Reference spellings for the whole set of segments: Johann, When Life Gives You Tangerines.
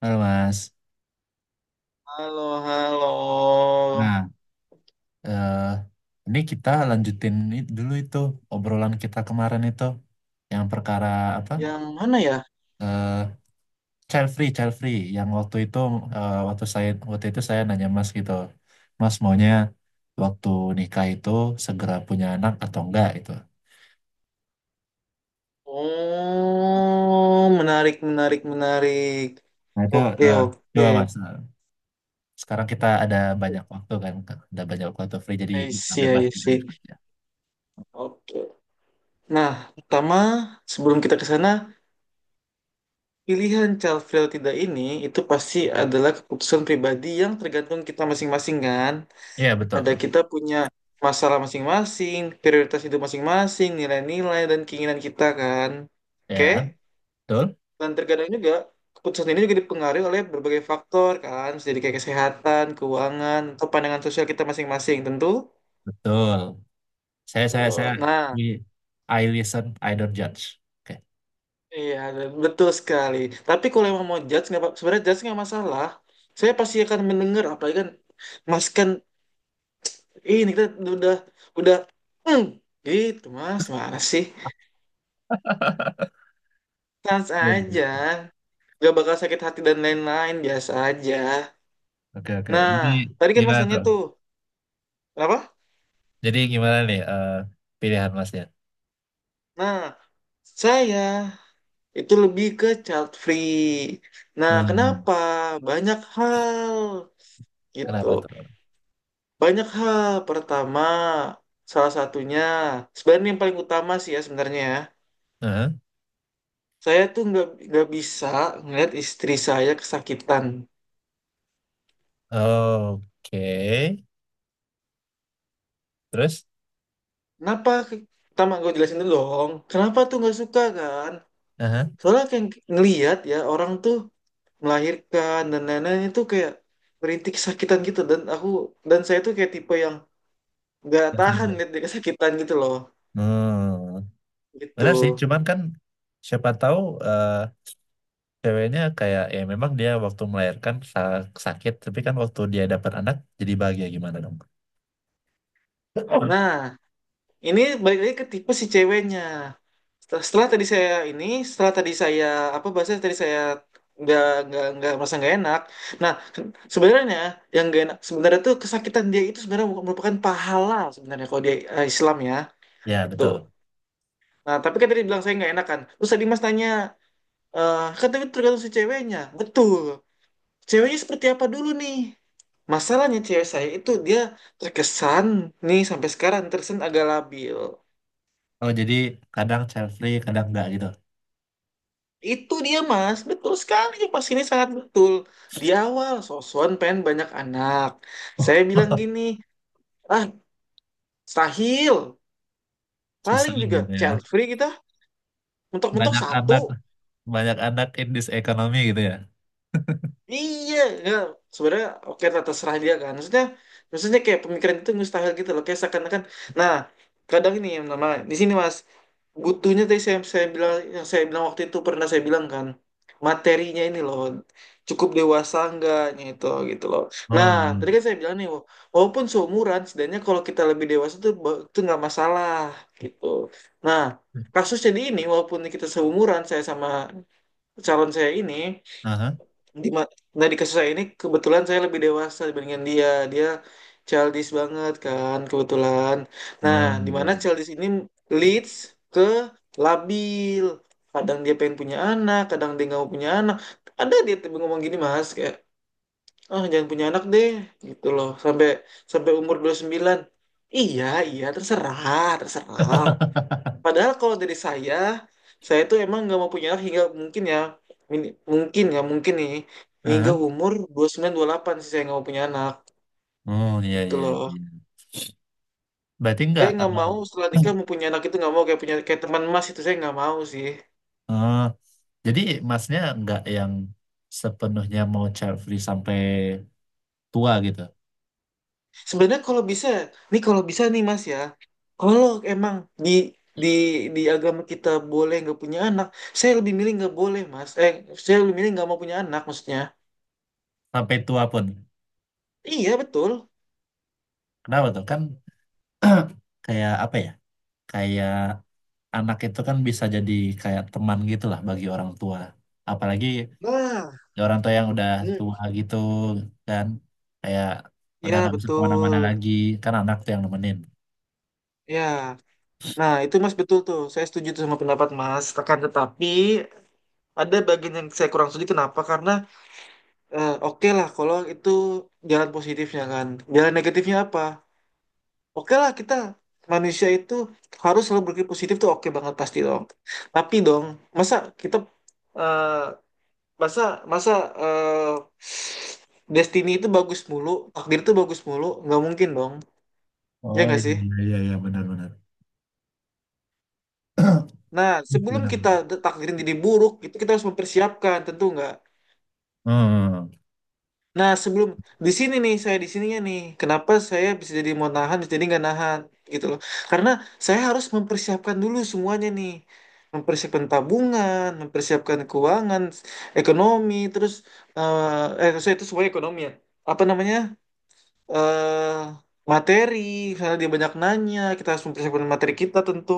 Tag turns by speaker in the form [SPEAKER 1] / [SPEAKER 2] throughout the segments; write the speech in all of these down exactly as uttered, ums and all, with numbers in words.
[SPEAKER 1] Halo Mas.
[SPEAKER 2] Halo, halo.
[SPEAKER 1] Nah, eh, ini kita lanjutin i- dulu itu obrolan kita kemarin itu yang perkara apa?
[SPEAKER 2] Yang mana ya?
[SPEAKER 1] Eh, child free, child free yang waktu itu eh, waktu saya waktu itu saya nanya Mas gitu. Mas maunya waktu nikah itu segera punya anak atau enggak gitu.
[SPEAKER 2] Oh, menarik, menarik, menarik.
[SPEAKER 1] Nah, itu
[SPEAKER 2] Oke,
[SPEAKER 1] eh,
[SPEAKER 2] oke.
[SPEAKER 1] coba Mas. eh, Sekarang kita ada banyak waktu kan, ada banyak waktu free jadi
[SPEAKER 2] I
[SPEAKER 1] bisa
[SPEAKER 2] see,
[SPEAKER 1] bebas
[SPEAKER 2] I
[SPEAKER 1] gitu
[SPEAKER 2] see.
[SPEAKER 1] diskusinya.
[SPEAKER 2] Oke. Nah, pertama, sebelum kita ke sana, pilihan child free atau tidak ini itu pasti adalah keputusan pribadi yang tergantung kita masing-masing kan.
[SPEAKER 1] Iya,
[SPEAKER 2] Ada
[SPEAKER 1] betul.
[SPEAKER 2] kita punya masalah masing-masing, prioritas hidup masing-masing, nilai-nilai dan keinginan kita kan. Oke?
[SPEAKER 1] Ya, betul.
[SPEAKER 2] Dan terkadang juga keputusan ini juga dipengaruhi oleh berbagai faktor kan, jadi kayak kesehatan, keuangan, atau pandangan sosial kita masing-masing tentu.
[SPEAKER 1] Betul. Saya saya saya
[SPEAKER 2] Eh, Nah,
[SPEAKER 1] ini I listen, I don't judge. Oke.
[SPEAKER 2] iya betul sekali. Tapi kalau emang mau judge, nggak apa- sebenarnya judge nggak masalah. Saya pasti akan mendengar, apalagi kan Mas kan ini kita udah udah hmm, gitu Mas, mana sih? Sans
[SPEAKER 1] Ya, ya,
[SPEAKER 2] aja,
[SPEAKER 1] ya.
[SPEAKER 2] nggak bakal sakit hati dan lain-lain biasa aja.
[SPEAKER 1] Oke, oke.
[SPEAKER 2] Nah,
[SPEAKER 1] Jadi
[SPEAKER 2] tadi kan Mas
[SPEAKER 1] gimana
[SPEAKER 2] nanya
[SPEAKER 1] tuh?
[SPEAKER 2] tuh, apa?
[SPEAKER 1] Jadi gimana nih eh, pilihan Masnya?
[SPEAKER 2] Nah, saya itu lebih ke child free. Nah,
[SPEAKER 1] Hmm,
[SPEAKER 2] kenapa? Banyak hal gitu.
[SPEAKER 1] kenapa tuh?
[SPEAKER 2] Banyak hal. Pertama, salah satunya, sebenarnya yang paling utama sih ya sebenarnya ya.
[SPEAKER 1] Heeh.
[SPEAKER 2] Saya tuh nggak nggak bisa ngeliat istri saya kesakitan.
[SPEAKER 1] Oke. Terus?
[SPEAKER 2] Kenapa? Pertama, gue jelasin dulu dong. Kenapa tuh nggak suka kan?
[SPEAKER 1] Heeh.
[SPEAKER 2] Soalnya kayak ngeliat ya orang tuh melahirkan dan lain-lain itu kayak merintih kesakitan gitu dan aku dan saya tuh kayak tipe yang nggak
[SPEAKER 1] Nggak
[SPEAKER 2] tahan
[SPEAKER 1] sanggup.
[SPEAKER 2] lihat dia kesakitan gitu loh
[SPEAKER 1] Hmm,
[SPEAKER 2] gitu.
[SPEAKER 1] benar sih. Cuman kan siapa tahu eh, ceweknya kayak ya memang dia waktu melahirkan sa- sakit, tapi kan waktu dia dapat anak jadi bahagia gimana dong?
[SPEAKER 2] Nah, ini balik lagi ke tipe si ceweknya. Setelah, setelah tadi saya ini, setelah tadi saya apa bahasanya, tadi saya nggak nggak nggak merasa nggak enak. Nah, sebenarnya yang nggak enak sebenarnya tuh kesakitan dia itu sebenarnya merupakan pahala sebenarnya kalau dia eh, Islam ya
[SPEAKER 1] Ya
[SPEAKER 2] itu.
[SPEAKER 1] betul.
[SPEAKER 2] Nah, tapi kan tadi bilang saya nggak enak kan, terus tadi Mas tanya eh kan, tapi tergantung si ceweknya betul. Ceweknya seperti apa dulu nih? Masalahnya cewek saya itu dia terkesan, nih sampai sekarang terkesan agak labil.
[SPEAKER 1] Oh, jadi kadang child free, kadang enggak gitu.
[SPEAKER 2] Itu dia Mas, betul sekali, pas ini sangat betul. Di awal sosokan pengen banyak anak. Saya bilang gini, ah stahil,
[SPEAKER 1] Susah
[SPEAKER 2] paling juga
[SPEAKER 1] gitu ya.
[SPEAKER 2] child free kita, mentok-mentok
[SPEAKER 1] Banyak
[SPEAKER 2] satu.
[SPEAKER 1] anak, banyak anak in this economy gitu ya.
[SPEAKER 2] Iya, ya. Sebenarnya oke lah terserah dia kan. Maksudnya, maksudnya kayak pemikiran itu mustahil gitu loh. Kayak seakan-akan. Nah, kadang ini yang nama di sini Mas, butuhnya tadi saya saya bilang, yang saya bilang waktu itu, pernah saya bilang kan, materinya ini loh, cukup dewasa enggaknya itu gitu loh. Nah, tadi
[SPEAKER 1] Hmm.
[SPEAKER 2] kan saya bilang nih, wa- walaupun seumuran, setidaknya kalau kita lebih dewasa tuh ba- itu nggak masalah gitu. Nah, kasus jadi ini walaupun kita seumuran, saya sama calon saya ini
[SPEAKER 1] Aha.
[SPEAKER 2] di ma- nah di kasus saya ini kebetulan saya lebih dewasa dibandingkan dia. Dia childish banget kan kebetulan. Nah,
[SPEAKER 1] Oh,
[SPEAKER 2] di
[SPEAKER 1] iya,
[SPEAKER 2] mana
[SPEAKER 1] iya.
[SPEAKER 2] childish ini leads ke labil. Kadang dia pengen punya anak, kadang dia nggak mau punya anak. Ada dia tiba ngomong gini Mas kayak, ah jangan punya anak deh gitu loh. Sampai sampai umur dua puluh sembilan. Iya, iya terserah, terserah. Padahal kalau dari saya, saya tuh emang nggak mau punya anak hingga mungkin ya, min- mungkin ya, mungkin nih, hingga
[SPEAKER 1] Aha.
[SPEAKER 2] umur dua puluh sembilan, delapan sih saya nggak mau punya anak.
[SPEAKER 1] Oh, iya,
[SPEAKER 2] Itu
[SPEAKER 1] iya,
[SPEAKER 2] loh.
[SPEAKER 1] iya. Berarti enggak,
[SPEAKER 2] Saya
[SPEAKER 1] eh,
[SPEAKER 2] nggak mau setelah nikah mau punya anak itu nggak mau, kayak punya kayak teman Mas itu saya nggak mau sih.
[SPEAKER 1] oh, jadi masnya enggak yang sepenuhnya mau child free sampai tua gitu.
[SPEAKER 2] Sebenarnya kalau bisa, nih kalau bisa nih Mas ya, kalau emang di di di agama kita boleh nggak punya anak, saya lebih milih nggak boleh Mas. Eh, saya lebih milih nggak mau punya anak maksudnya.
[SPEAKER 1] Sampai tua pun.
[SPEAKER 2] Iya betul.
[SPEAKER 1] Kenapa tuh? Kan kayak apa ya? Kayak anak itu kan bisa jadi kayak teman gitu lah bagi orang tua. Apalagi
[SPEAKER 2] Nah,
[SPEAKER 1] orang tua yang udah
[SPEAKER 2] hmm,
[SPEAKER 1] tua gitu kan, kayak udah
[SPEAKER 2] ya
[SPEAKER 1] nggak bisa kemana-mana
[SPEAKER 2] betul.
[SPEAKER 1] lagi, kan anak tuh yang nemenin.
[SPEAKER 2] Ya, nah itu Mas betul tuh. Saya setuju tuh sama pendapat Mas. Akan tetapi ada bagian yang saya kurang setuju. Kenapa? Karena eh, oke lah kalau itu jalan positifnya kan. Jalan negatifnya apa? Oke lah kita manusia itu harus selalu berpikir positif tuh oke banget pasti dong. Tapi dong, masa kita eh, masa masa eh, destiny itu bagus mulu, takdir itu bagus mulu, nggak mungkin dong. Ya
[SPEAKER 1] Oh
[SPEAKER 2] nggak
[SPEAKER 1] iya
[SPEAKER 2] sih?
[SPEAKER 1] iya iya iya, benar-benar
[SPEAKER 2] Nah, sebelum kita
[SPEAKER 1] benar-benar.
[SPEAKER 2] takdirin jadi buruk, itu kita harus mempersiapkan, tentu nggak.
[SPEAKER 1] Hmm,
[SPEAKER 2] Nah, sebelum di sini nih, saya di sininya nih, kenapa saya bisa jadi mau nahan, bisa jadi nggak nahan, gitu loh. Karena saya harus mempersiapkan dulu semuanya nih, mempersiapkan tabungan, mempersiapkan keuangan, ekonomi, terus eh, eh, saya itu semuanya ekonomi ya. Apa namanya? eh materi, karena dia banyak nanya, kita harus mempersiapkan materi kita tentu.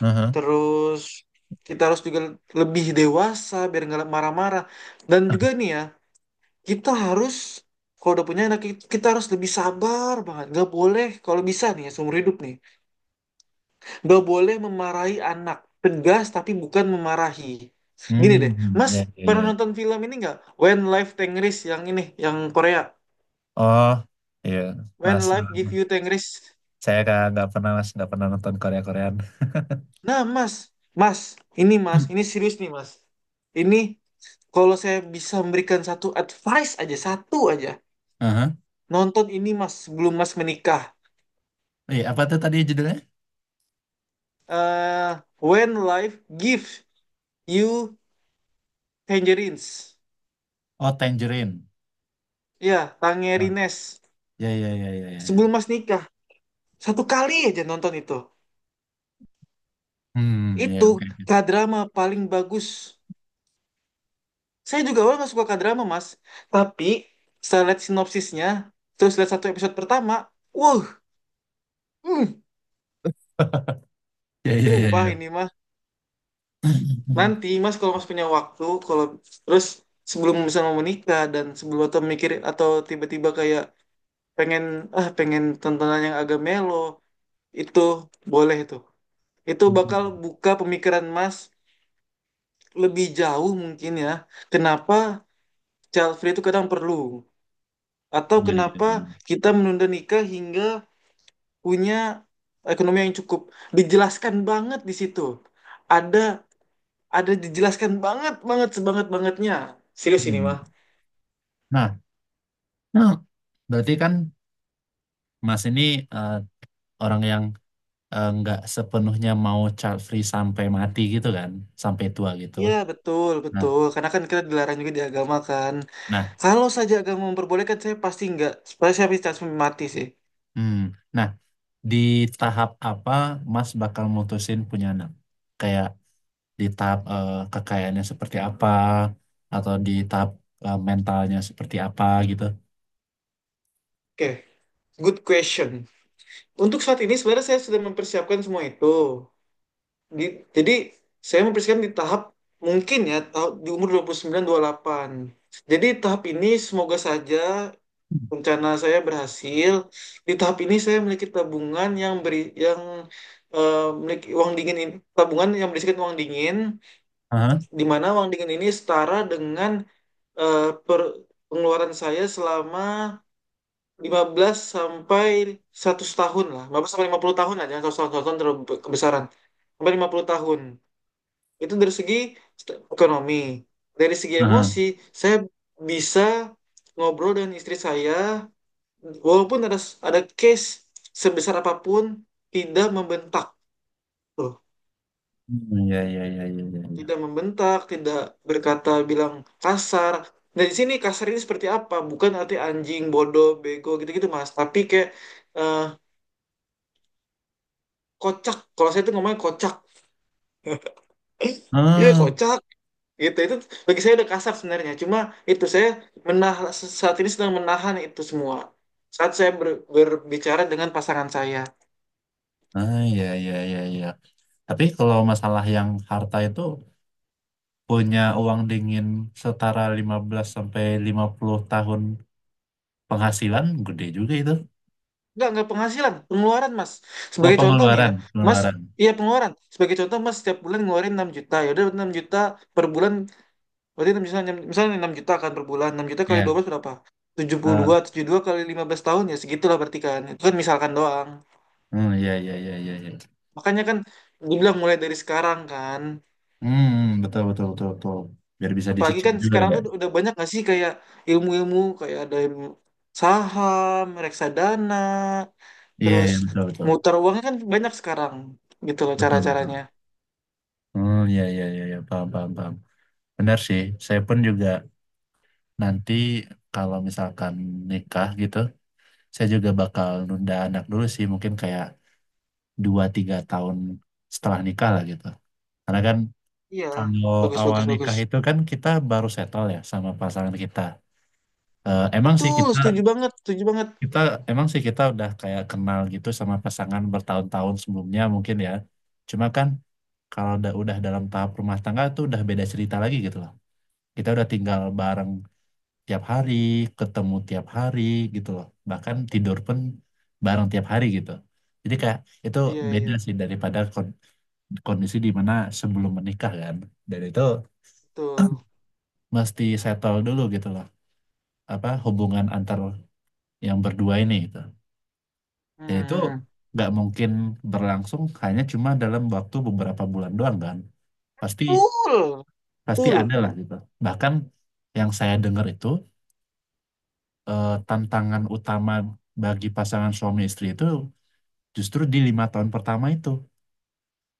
[SPEAKER 1] aha.
[SPEAKER 2] Terus kita harus juga lebih dewasa biar nggak marah-marah. Dan juga nih ya, kita harus, kalau udah punya anak, kita harus lebih sabar banget. Nggak boleh, kalau bisa nih ya, seumur hidup nih, nggak boleh memarahi anak. Tegas tapi bukan memarahi. Gini deh,
[SPEAKER 1] Hmm,
[SPEAKER 2] Mas
[SPEAKER 1] ya ya ya.
[SPEAKER 2] pernah
[SPEAKER 1] Ya.
[SPEAKER 2] nonton film ini nggak? When Life Tengris yang ini, yang Korea.
[SPEAKER 1] Oh iya,
[SPEAKER 2] When
[SPEAKER 1] mas,
[SPEAKER 2] Life Give You Tengris.
[SPEAKER 1] saya nggak nggak pernah mas nggak pernah nonton Korea Koreaan.
[SPEAKER 2] Nah, Mas, Mas, ini Mas, ini serius nih Mas. Ini kalau saya bisa memberikan satu advice aja, satu aja.
[SPEAKER 1] Aha.
[SPEAKER 2] Nonton ini Mas, sebelum Mas menikah.
[SPEAKER 1] Eh, apa tuh tadi judulnya?
[SPEAKER 2] eh When Life Gives You Tangerines.
[SPEAKER 1] Oh Tangerine.
[SPEAKER 2] Ya,
[SPEAKER 1] Oh,
[SPEAKER 2] Tangerines.
[SPEAKER 1] ya ya ya ya ya.
[SPEAKER 2] Sebelum
[SPEAKER 1] Ya.
[SPEAKER 2] Mas nikah, satu kali aja nonton itu.
[SPEAKER 1] Hmm, ya
[SPEAKER 2] Itu
[SPEAKER 1] oke.
[SPEAKER 2] kadrama paling bagus. Saya juga awalnya nggak suka kadrama, Mas. Tapi saya lihat sinopsisnya, terus lihat satu episode pertama, wow, hmm.
[SPEAKER 1] Ya, ya, ya,
[SPEAKER 2] Sumpah ini
[SPEAKER 1] ya.
[SPEAKER 2] mah, nanti Mas kalau Mas punya waktu, kalau terus sebelum misalnya mau menikah dan sebelum atau mikir atau tiba-tiba kayak pengen, ah pengen tontonan yang agak melo, itu boleh tuh. Itu bakal buka pemikiran Mas lebih jauh mungkin ya. Kenapa child free itu kadang perlu, atau
[SPEAKER 1] Ya, ya,
[SPEAKER 2] kenapa
[SPEAKER 1] ya.
[SPEAKER 2] kita menunda nikah hingga punya ekonomi yang cukup. Dijelaskan banget di situ. Ada ada dijelaskan banget banget sebanget bangetnya. Serius ini
[SPEAKER 1] Hmm.
[SPEAKER 2] mah.
[SPEAKER 1] Nah, nah, berarti kan Mas ini eh, orang yang eh, nggak sepenuhnya mau child free sampai mati gitu kan, sampai tua gitu.
[SPEAKER 2] Iya betul
[SPEAKER 1] Nah,
[SPEAKER 2] betul, karena kan kita dilarang juga di agama kan.
[SPEAKER 1] nah,
[SPEAKER 2] Kalau saja agama memperbolehkan, saya pasti nggak, supaya saya pasti langsung mati sih.
[SPEAKER 1] hmm. Nah, di tahap apa Mas bakal mutusin punya anak? Kayak di tahap eh, kekayaannya seperti apa, atau di tahap eh, mentalnya seperti apa gitu?
[SPEAKER 2] Oke, good question. Untuk saat ini sebenarnya saya sudah mempersiapkan semua itu. Di- jadi saya mempersiapkan di tahap, mungkin ya tahap- di umur dua dua puluh sembilan, dua puluh delapan. Jadi tahap ini semoga saja
[SPEAKER 1] Hmm.
[SPEAKER 2] rencana saya berhasil. Di tahap ini saya memiliki tabungan yang beri yang eh, memiliki uang dingin ini, tabungan yang berisikan uang dingin,
[SPEAKER 1] Aha,
[SPEAKER 2] di mana uang dingin ini setara dengan eh, per- pengeluaran saya selama lima belas sampai seratus tahun lah. Lima belas sampai lima puluh tahun lah, jangan seratus tahun, seratus tahun terlalu be- kebesaran. Sampai lima puluh tahun. Itu dari segi st- ekonomi. Dari segi
[SPEAKER 1] aha.
[SPEAKER 2] emosi, saya bisa ngobrol dengan istri saya. Walaupun ada ada case sebesar apapun, tidak membentak, loh,
[SPEAKER 1] Hmm, ya, ya, ya, ya, ya.
[SPEAKER 2] tidak membentak, tidak berkata bilang kasar. Nah, di sini kasar ini seperti apa? Bukan arti anjing, bodoh, bego gitu-gitu, Mas. Tapi kayak eh, kocak. Kalau saya itu ngomongnya kocak. Iya,
[SPEAKER 1] Ya.
[SPEAKER 2] kocak. Gitu. Itu bagi saya udah kasar sebenarnya. Cuma itu saya menahan, saat ini sedang menahan itu semua, saat saya ber- berbicara dengan pasangan saya.
[SPEAKER 1] Ah, iya, iya, iya, iya. Tapi kalau masalah yang harta itu punya uang dingin setara lima belas sampai lima puluh tahun penghasilan gede juga itu.
[SPEAKER 2] Enggak, enggak penghasilan, pengeluaran Mas.
[SPEAKER 1] Oh,
[SPEAKER 2] Sebagai contoh nih ya,
[SPEAKER 1] pengeluaran,
[SPEAKER 2] Mas,
[SPEAKER 1] pengeluaran.
[SPEAKER 2] iya pengeluaran. Sebagai contoh Mas, setiap bulan ngeluarin enam juta, ya udah enam juta per bulan, berarti enam juta, enam- misalnya enam juta kan per bulan, enam juta kali
[SPEAKER 1] Ya.
[SPEAKER 2] dua belas berapa? Tujuh tujuh puluh
[SPEAKER 1] Ah,
[SPEAKER 2] dua, tujuh puluh dua kali lima belas tahun, ya segitulah berarti kan. Itu kan misalkan doang.
[SPEAKER 1] hmm, iya, iya, iya, iya, iya.
[SPEAKER 2] Makanya kan dibilang mulai dari sekarang kan.
[SPEAKER 1] Hmm, betul, betul, betul, betul. Biar bisa
[SPEAKER 2] Apalagi
[SPEAKER 1] dicicil
[SPEAKER 2] kan
[SPEAKER 1] juga kan
[SPEAKER 2] sekarang
[SPEAKER 1] ya.
[SPEAKER 2] tuh udah banyak gak sih kayak ilmu-ilmu, kayak ada ilmu saham, reksadana,
[SPEAKER 1] Iya,
[SPEAKER 2] terus
[SPEAKER 1] iya, betul, betul.
[SPEAKER 2] muter uangnya kan banyak sekarang gitu loh
[SPEAKER 1] Betul, betul.
[SPEAKER 2] cara-caranya.
[SPEAKER 1] Hmm, iya, iya, iya, iya, paham, paham, paham. Benar sih. Saya pun juga nanti kalau misalkan nikah gitu saya juga bakal nunda anak dulu sih mungkin kayak dua tiga tahun setelah nikah lah gitu karena kan
[SPEAKER 2] Iya,
[SPEAKER 1] kalau
[SPEAKER 2] bagus
[SPEAKER 1] awal
[SPEAKER 2] bagus bagus.
[SPEAKER 1] nikah itu kan kita baru settle ya sama pasangan kita. Eh, emang sih
[SPEAKER 2] Betul,
[SPEAKER 1] kita
[SPEAKER 2] setuju banget, setuju banget.
[SPEAKER 1] kita emang sih kita udah kayak kenal gitu sama pasangan bertahun-tahun sebelumnya mungkin ya cuma kan kalau udah udah dalam tahap rumah tangga itu udah beda cerita lagi gitu loh. Kita udah tinggal bareng tiap hari, ketemu tiap hari gitu loh. Bahkan tidur pun bareng tiap hari gitu. Jadi kayak itu
[SPEAKER 2] Iya iya,
[SPEAKER 1] beda sih daripada kon- kondisi di mana sebelum menikah kan. Dan itu
[SPEAKER 2] betul.
[SPEAKER 1] mesti settle dulu gitu loh. Apa hubungan antar yang berdua ini gitu. Dan itu
[SPEAKER 2] Hmm,
[SPEAKER 1] nggak mungkin berlangsung hanya cuma dalam waktu beberapa bulan doang kan. Pasti
[SPEAKER 2] betul,
[SPEAKER 1] pasti ada
[SPEAKER 2] betul.
[SPEAKER 1] lah gitu. Bahkan yang saya dengar itu eh, tantangan utama bagi pasangan suami istri itu justru di lima tahun pertama itu.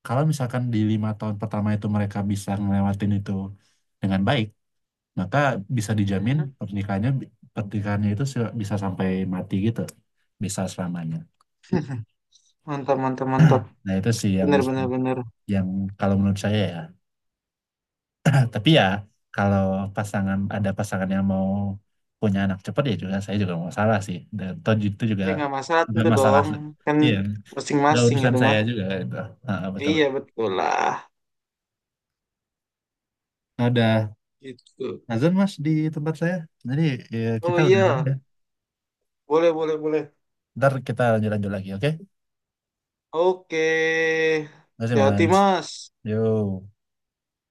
[SPEAKER 1] Kalau misalkan di lima tahun pertama itu mereka bisa ngelewatin itu dengan baik, maka bisa dijamin
[SPEAKER 2] Hmm.
[SPEAKER 1] pernikahannya pernikahannya itu se- bisa sampai mati gitu, bisa selamanya.
[SPEAKER 2] Mantap mantap mantap.
[SPEAKER 1] Nah itu sih yang
[SPEAKER 2] Bener bener
[SPEAKER 1] mesti-
[SPEAKER 2] bener.
[SPEAKER 1] yang kalau menurut saya ya. Tapi ya kalau pasangan ada pasangan yang mau punya anak cepat ya juga saya juga mau salah sih dan toh itu juga
[SPEAKER 2] Ya nggak masalah
[SPEAKER 1] nggak
[SPEAKER 2] tentu
[SPEAKER 1] masalah,
[SPEAKER 2] dong, kan
[SPEAKER 1] iya nggak
[SPEAKER 2] masing-masing
[SPEAKER 1] urusan
[SPEAKER 2] itu
[SPEAKER 1] saya
[SPEAKER 2] mah.
[SPEAKER 1] juga gitu. Ah, betul
[SPEAKER 2] Iya
[SPEAKER 1] betul.
[SPEAKER 2] betul lah.
[SPEAKER 1] Nah,
[SPEAKER 2] Gitu.
[SPEAKER 1] Azan mas di tempat saya. Jadi ya, kita
[SPEAKER 2] Oh
[SPEAKER 1] udah dulu
[SPEAKER 2] iya,
[SPEAKER 1] ya.
[SPEAKER 2] boleh boleh boleh.
[SPEAKER 1] Ntar kita lanjut-lanjut lagi, oke?
[SPEAKER 2] Oke,
[SPEAKER 1] Terima kasih
[SPEAKER 2] hati-hati
[SPEAKER 1] mas.
[SPEAKER 2] Mas.
[SPEAKER 1] Yo.